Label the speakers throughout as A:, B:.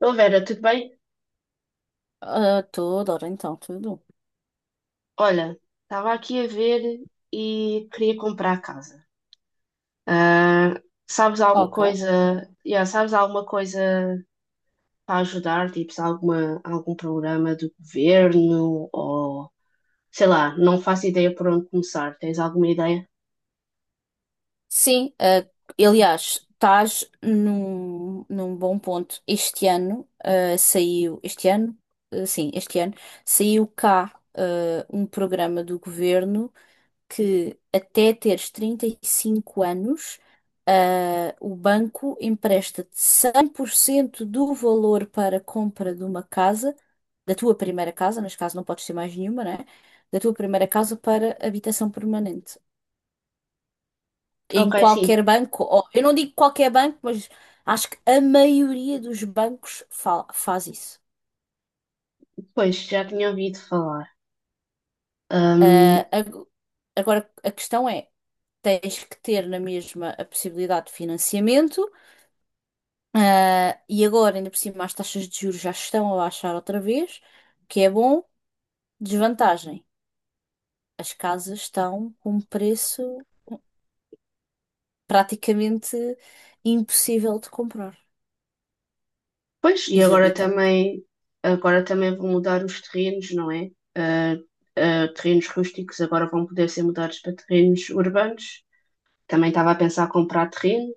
A: Ô Vera, tudo bem?
B: Ah, toda hora então, tudo.
A: Olha, estava aqui a ver e queria comprar casa. Ah, Sabes alguma
B: Ok.
A: coisa? Yeah, sabes alguma coisa para ajudar? Tipo, se algum programa do governo ou sei lá, não faço ideia por onde começar. Tens alguma ideia?
B: Sim, aliás, estás num bom ponto. Este ano saiu, este ano, Ah, sim, este ano, saiu cá um programa do governo que até teres 35 anos, o banco empresta-te 100% do valor para a compra de uma casa, da tua primeira casa, neste caso não podes ter mais nenhuma, né? Da tua primeira casa para habitação permanente. Em
A: Ok, sim,
B: qualquer banco, eu não digo qualquer banco, mas acho que a maioria dos bancos faz isso.
A: pois já tinha ouvido falar.
B: Ah, ag- Agora, a questão é, tens que ter na mesma a possibilidade de financiamento. E agora, ainda por cima, as taxas de juros já estão a baixar outra vez, o que é bom. Desvantagem: as casas estão com um preço praticamente impossível de comprar,
A: Pois, e
B: exorbitante.
A: agora também vão mudar os terrenos, não é? Ah, Terrenos rústicos agora vão poder ser mudados para terrenos urbanos. Também estava a pensar comprar terreno.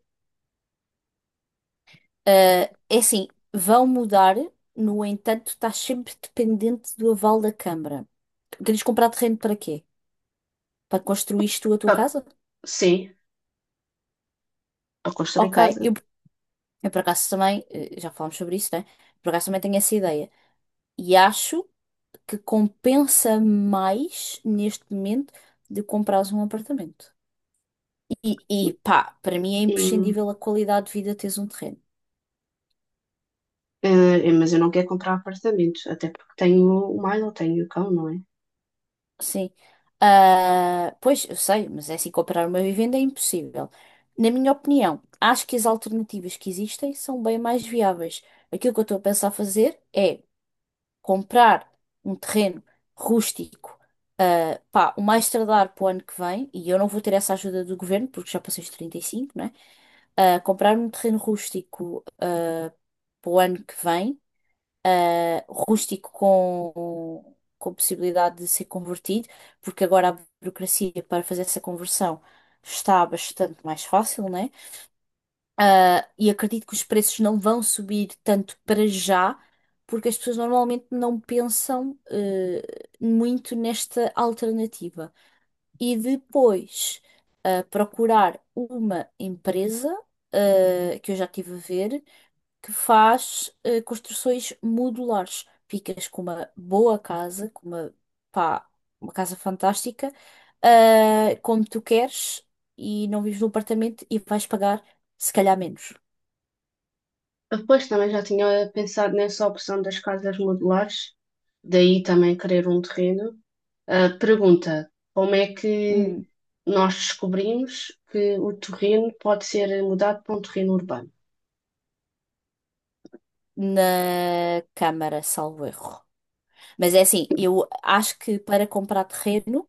B: Ah, É assim, vão mudar, no entanto, estás sempre dependente do aval da Câmara. Queres comprar terreno para quê? Para construir tu a tua
A: Pá,
B: casa?
A: sim, para construir
B: Ok,
A: casa.
B: eu por acaso também, já falámos sobre isso, né? Por acaso também tenho essa ideia. E acho. Que compensa mais neste momento de comprares um apartamento. E,
A: Hum,
B: e pá, para mim é
A: hum,
B: imprescindível a qualidade de vida teres um terreno.
A: mas eu não quero comprar apartamentos, até porque tenho o Milo, tenho o cão, não é?
B: Sim. Pois, eu sei, mas é assim, comprar uma vivenda é impossível. Na minha opinião, acho que as alternativas que existem são bem mais viáveis. Aquilo que eu estou a pensar fazer é comprar um terreno rústico, pá, o mais tardar para o ano que vem, e eu não vou ter essa ajuda do governo, porque já passei os 35, né? Ah, comprar um terreno rústico, ah, para o ano que vem, ah, Rústico com possibilidade de ser convertido, porque agora a burocracia para fazer essa conversão está bastante mais fácil, né? E acredito que os preços não vão subir tanto para já, porque as pessoas normalmente não pensam, muito nesta alternativa. E depois, procurar uma empresa, que eu já tive a ver, que faz, construções modulares. Ficas com uma boa casa, com uma, pá, uma casa fantástica, como tu queres, e não vives num apartamento e vais pagar, se calhar, menos.
A: Depois também já tinha pensado nessa opção das casas modulares, daí também querer um terreno. Ah, pergunta: como é que
B: Hum,
A: nós descobrimos que o terreno pode ser mudado para um terreno urbano?
B: na Câmara, salvo erro. Mas é assim, eu acho que para comprar terreno,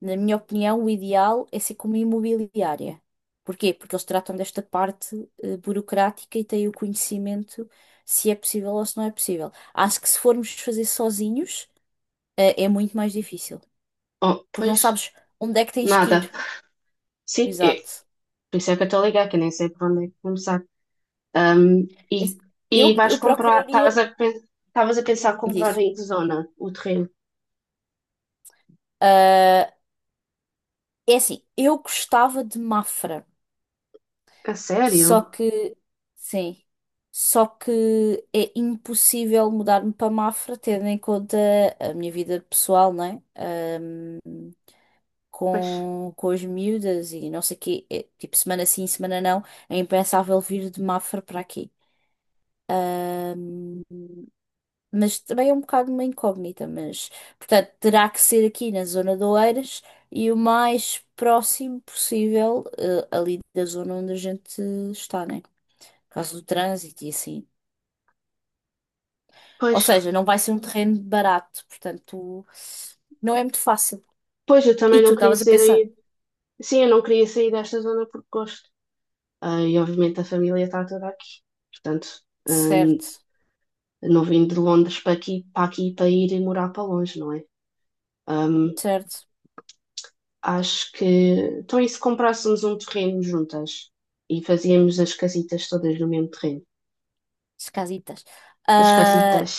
B: na minha opinião, o ideal é ser como imobiliária. Porquê? Porque eles tratam desta parte burocrática e têm o conhecimento se é possível ou se não é possível. Acho que se formos fazer sozinhos, é muito mais difícil.
A: Oh,
B: Porque não
A: pois,
B: sabes onde é que tens que
A: nada.
B: ir.
A: Sim, é.
B: Exato.
A: Por isso é que eu estou a ligar, que eu nem sei por onde é que começar. Ahm, e,
B: Esse-
A: e vais
B: Eu
A: comprar, estavas
B: procuraria.
A: a, pen- Estavas a pensar comprar
B: Diz.
A: em que zona o terreno?
B: Ah, É assim, eu gostava de Mafra.
A: A
B: Só
A: sério?
B: que, sim, só que é impossível mudar-me para Mafra, tendo em conta a minha vida pessoal, né?
A: Pois,
B: Com as miúdas e não sei o quê, é, tipo, semana sim, semana não, é impensável vir de Mafra para aqui. Ahm, mas também é um bocado uma incógnita, mas, portanto, terá que ser aqui na zona de Oeiras e o mais próximo possível, ali da zona onde a gente está, né? Por causa do trânsito e assim. Ou
A: pois,
B: seja, não vai ser um terreno barato, portanto, não é muito fácil.
A: Pois, eu também
B: E tu
A: não queria
B: estavas a pensar,
A: ser. Sim, eu não queria sair desta zona por gosto. Ah, e obviamente a família está toda aqui. Portanto, ah,
B: certo,
A: não vim de Londres para aqui, para aqui para ir e morar para longe, não é? Ah,
B: certo,
A: acho que. Então, e se comprássemos um terreno juntas e fazíamos as casitas todas no mesmo terreno?
B: as casitas.
A: As
B: Ah,
A: casitas.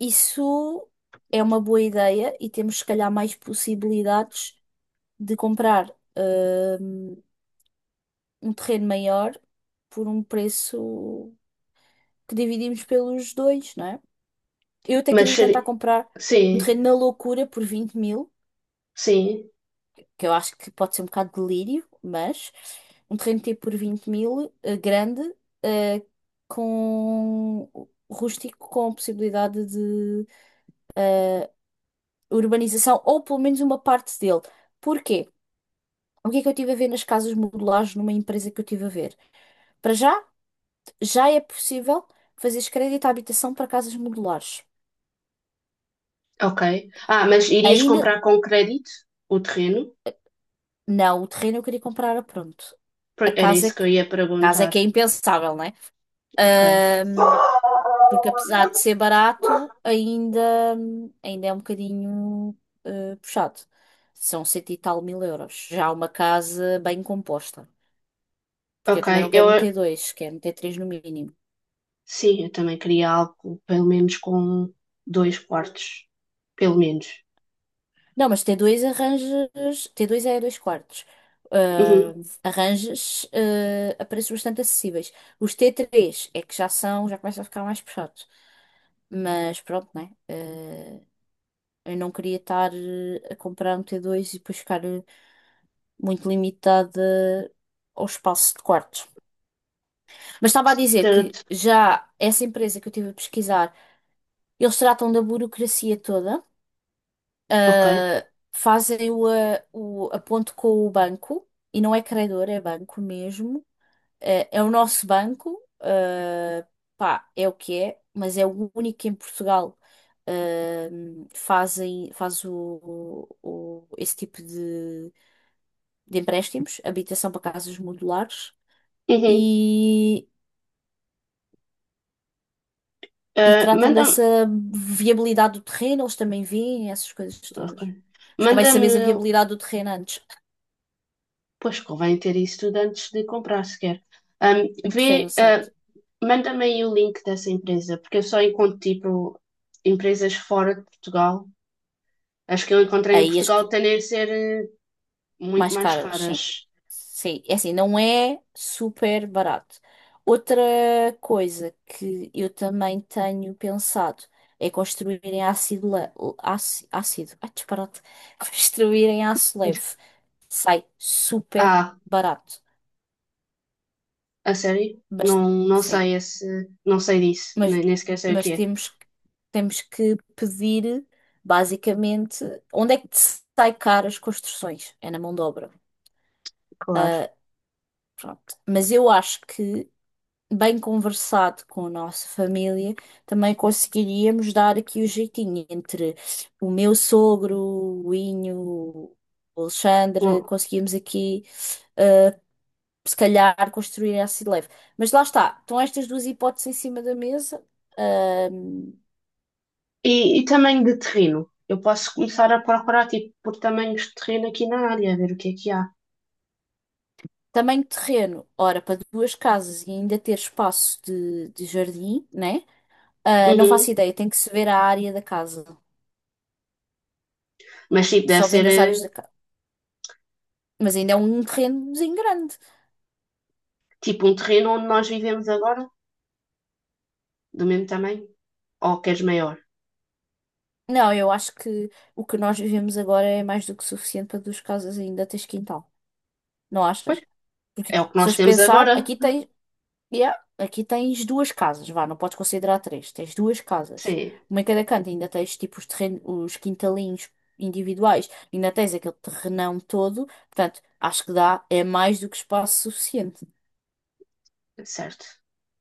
B: isso é uma boa ideia e temos, se calhar, mais possibilidades de comprar ah, um terreno maior por um preço que dividimos pelos dois, não é? Eu até
A: Mas
B: queria tentar
A: seri-
B: comprar
A: sim,
B: um terreno na loucura por 20 mil
A: sim,
B: que eu acho que pode ser um bocado de delírio, mas um terreno tipo por 20 mil, grande, eh, com rústico, com possibilidade de eh, urbanização, ou pelo menos uma parte dele. Porquê? O que é que eu estive a ver nas casas modulares numa empresa que eu estive a ver? Para já, já é possível fazeres crédito à habitação para casas modulares.
A: ok. Ah, mas irias
B: Ainda
A: comprar com crédito o terreno?
B: não, o terreno eu queria comprar a pronto. A
A: Era
B: casa é
A: isso que eu
B: que, a
A: ia
B: casa é
A: perguntar.
B: que é impensável, não é?
A: Ok.
B: Porque apesar de ser barato, ainda, ainda é um bocadinho puxado. São cento e tal mil euros. Já uma casa bem composta. Porque eu
A: Ok,
B: também não quero um t
A: eu,
B: dois quero um t três no mínimo.
A: Sim, eu também queria algo pelo menos com dois quartos, pelo menos.
B: Não, mas t dois arranjas. T dois é dois quartos.
A: Uhum,
B: Ah, Arranjas a preços bastante acessíveis. Os t três é que já são, já começa a ficar mais puxado. Mas pronto, né? Eu não queria estar a comprar um t dois e depois ficar. Muito limitada ao espaço de quartos. Mas estava a dizer que
A: certo,
B: já essa empresa que eu estive a pesquisar, eles tratam da burocracia toda,
A: ok.
B: ah, fazem o aponto com o banco, e não é credor, é banco mesmo. É o nosso banco, pá, é o que é, mas é o único que em Portugal. ah, Fazem faz esse tipo de empréstimos, habitação para casas modulares.
A: Uhum.
B: e, e
A: Ah,
B: tratam
A: manda-me,
B: dessa viabilidade do terreno, eles também veem essas coisas
A: ok.
B: todas. Mas como é que sabes a
A: Manda-me,
B: viabilidade do terreno antes?
A: pois convém ter isso tudo antes de comprar sequer. Ahm,
B: O
A: Vê,
B: terreno, certo?
A: manda-me aí o link dessa empresa, porque eu só encontro tipo empresas fora de Portugal. As que eu encontrei em
B: Aí as
A: Portugal
B: que-
A: tendem a ser muito
B: Mais
A: mais
B: caras, sim.
A: caras.
B: Sim, é assim, não é super barato. Outra coisa que eu também tenho pensado é construir em ácido, le- áci- ácido, ah, disparate, construir em aço leve. Sai super
A: Ah,
B: barato.
A: a sério?
B: Mas,
A: Não, não
B: sim.
A: sei esse, não sei disso,
B: Mas,
A: nem, nem sequer sei o
B: mas
A: que é.
B: temos, que- temos que pedir, basicamente, onde é que te sai caro as construções? É na mão de obra.
A: Claro.
B: Pronto. Mas eu acho que, bem conversado com a nossa família, também conseguiríamos dar aqui o jeitinho entre o meu sogro, o Inho, o Alexandre,
A: Bom,
B: conseguimos aqui, eh, se calhar, construir essa leve. Mas lá está, estão estas duas hipóteses em cima da mesa.
A: e tamanho de terreno? Eu posso começar a procurar, tipo, por tamanhos de terreno aqui na área, ver o que é que há.
B: Tamanho de terreno, ora, para duas casas e ainda ter espaço de jardim, né? Não faço
A: Uhum.
B: ideia, tem que se ver a área da casa.
A: Mas, tipo, deve
B: Só
A: ser,
B: vendo as
A: eh,
B: áreas da casa. Mas ainda é um terrenozinho grande.
A: tipo, um terreno onde nós vivemos agora, do mesmo tamanho. Ou queres maior?
B: Não, eu acho que o que nós vivemos agora é mais do que suficiente para duas casas e ainda tens quintal. Não
A: Pois,
B: achas? Porque
A: é o que
B: se
A: nós
B: fores
A: temos
B: pensar,
A: agora.
B: aqui tens. Yeah. Aqui tens duas casas, vá, não podes considerar três. Tens duas casas.
A: Sim,
B: Uma em cada canto, ainda tens tipo os terrenos, os quintalinhos individuais, ainda tens aquele terrenão todo. Portanto, acho que dá, é mais do que espaço suficiente.
A: certo.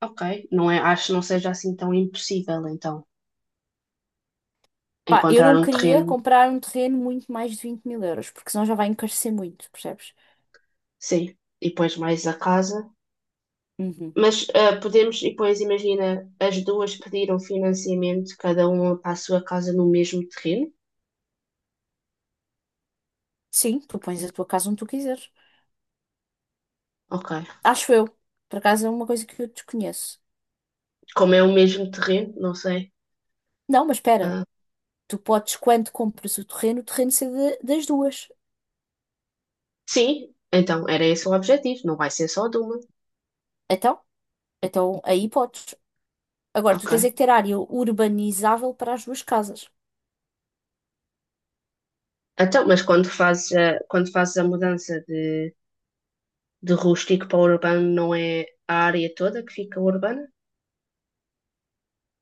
A: Ok. Não é, acho que não seja assim tão impossível, então,
B: Pá, eu
A: encontrar
B: não
A: um
B: queria
A: terreno.
B: comprar um terreno muito mais de 20 mil euros, porque senão já vai encarecer muito, percebes?
A: Sim. E depois mais a casa.
B: Uhum.
A: Mas ah, podemos, e depois imagina, as duas pediram financiamento, cada uma para a sua casa no mesmo terreno?
B: Sim, tu pões a tua casa onde tu quiseres.
A: Ok.
B: Acho eu. Por acaso é uma coisa que eu desconheço.
A: Como é o mesmo terreno, não sei.
B: Não, mas espera,
A: Ah,
B: tu podes, quando compras o terreno, das duas.
A: sim, então era esse o objetivo, não vai ser só de uma.
B: Então? Então aí podes. Agora, tu
A: Ok.
B: tens é que ter área urbanizável para as duas casas.
A: Então, mas quando fazes a mudança de rústico para urbano, não é a área toda que fica urbana?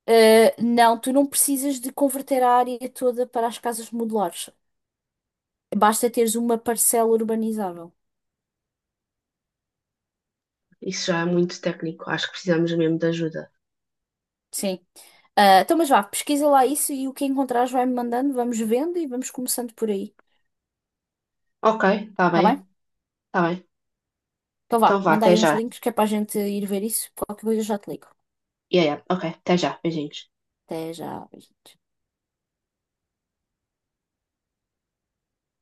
B: Não, tu não precisas de converter a área toda para as casas modulares. Basta teres uma parcela urbanizável.
A: Isso já é muito técnico, acho que precisamos mesmo de ajuda.
B: Sim. Então, mas vá, pesquisa lá isso e o que encontrares vai-me mandando, vamos vendo e vamos começando por aí.
A: Ok, está
B: Tá bem?
A: bem, está bem.
B: Então
A: Então
B: vá,
A: vá,
B: manda
A: até
B: aí uns
A: já.
B: links que é para a gente ir ver isso. Qualquer coisa eu já te ligo.
A: Yeah, yeah. Ok, até já, beijinhos.
B: Até já. Beijinhos.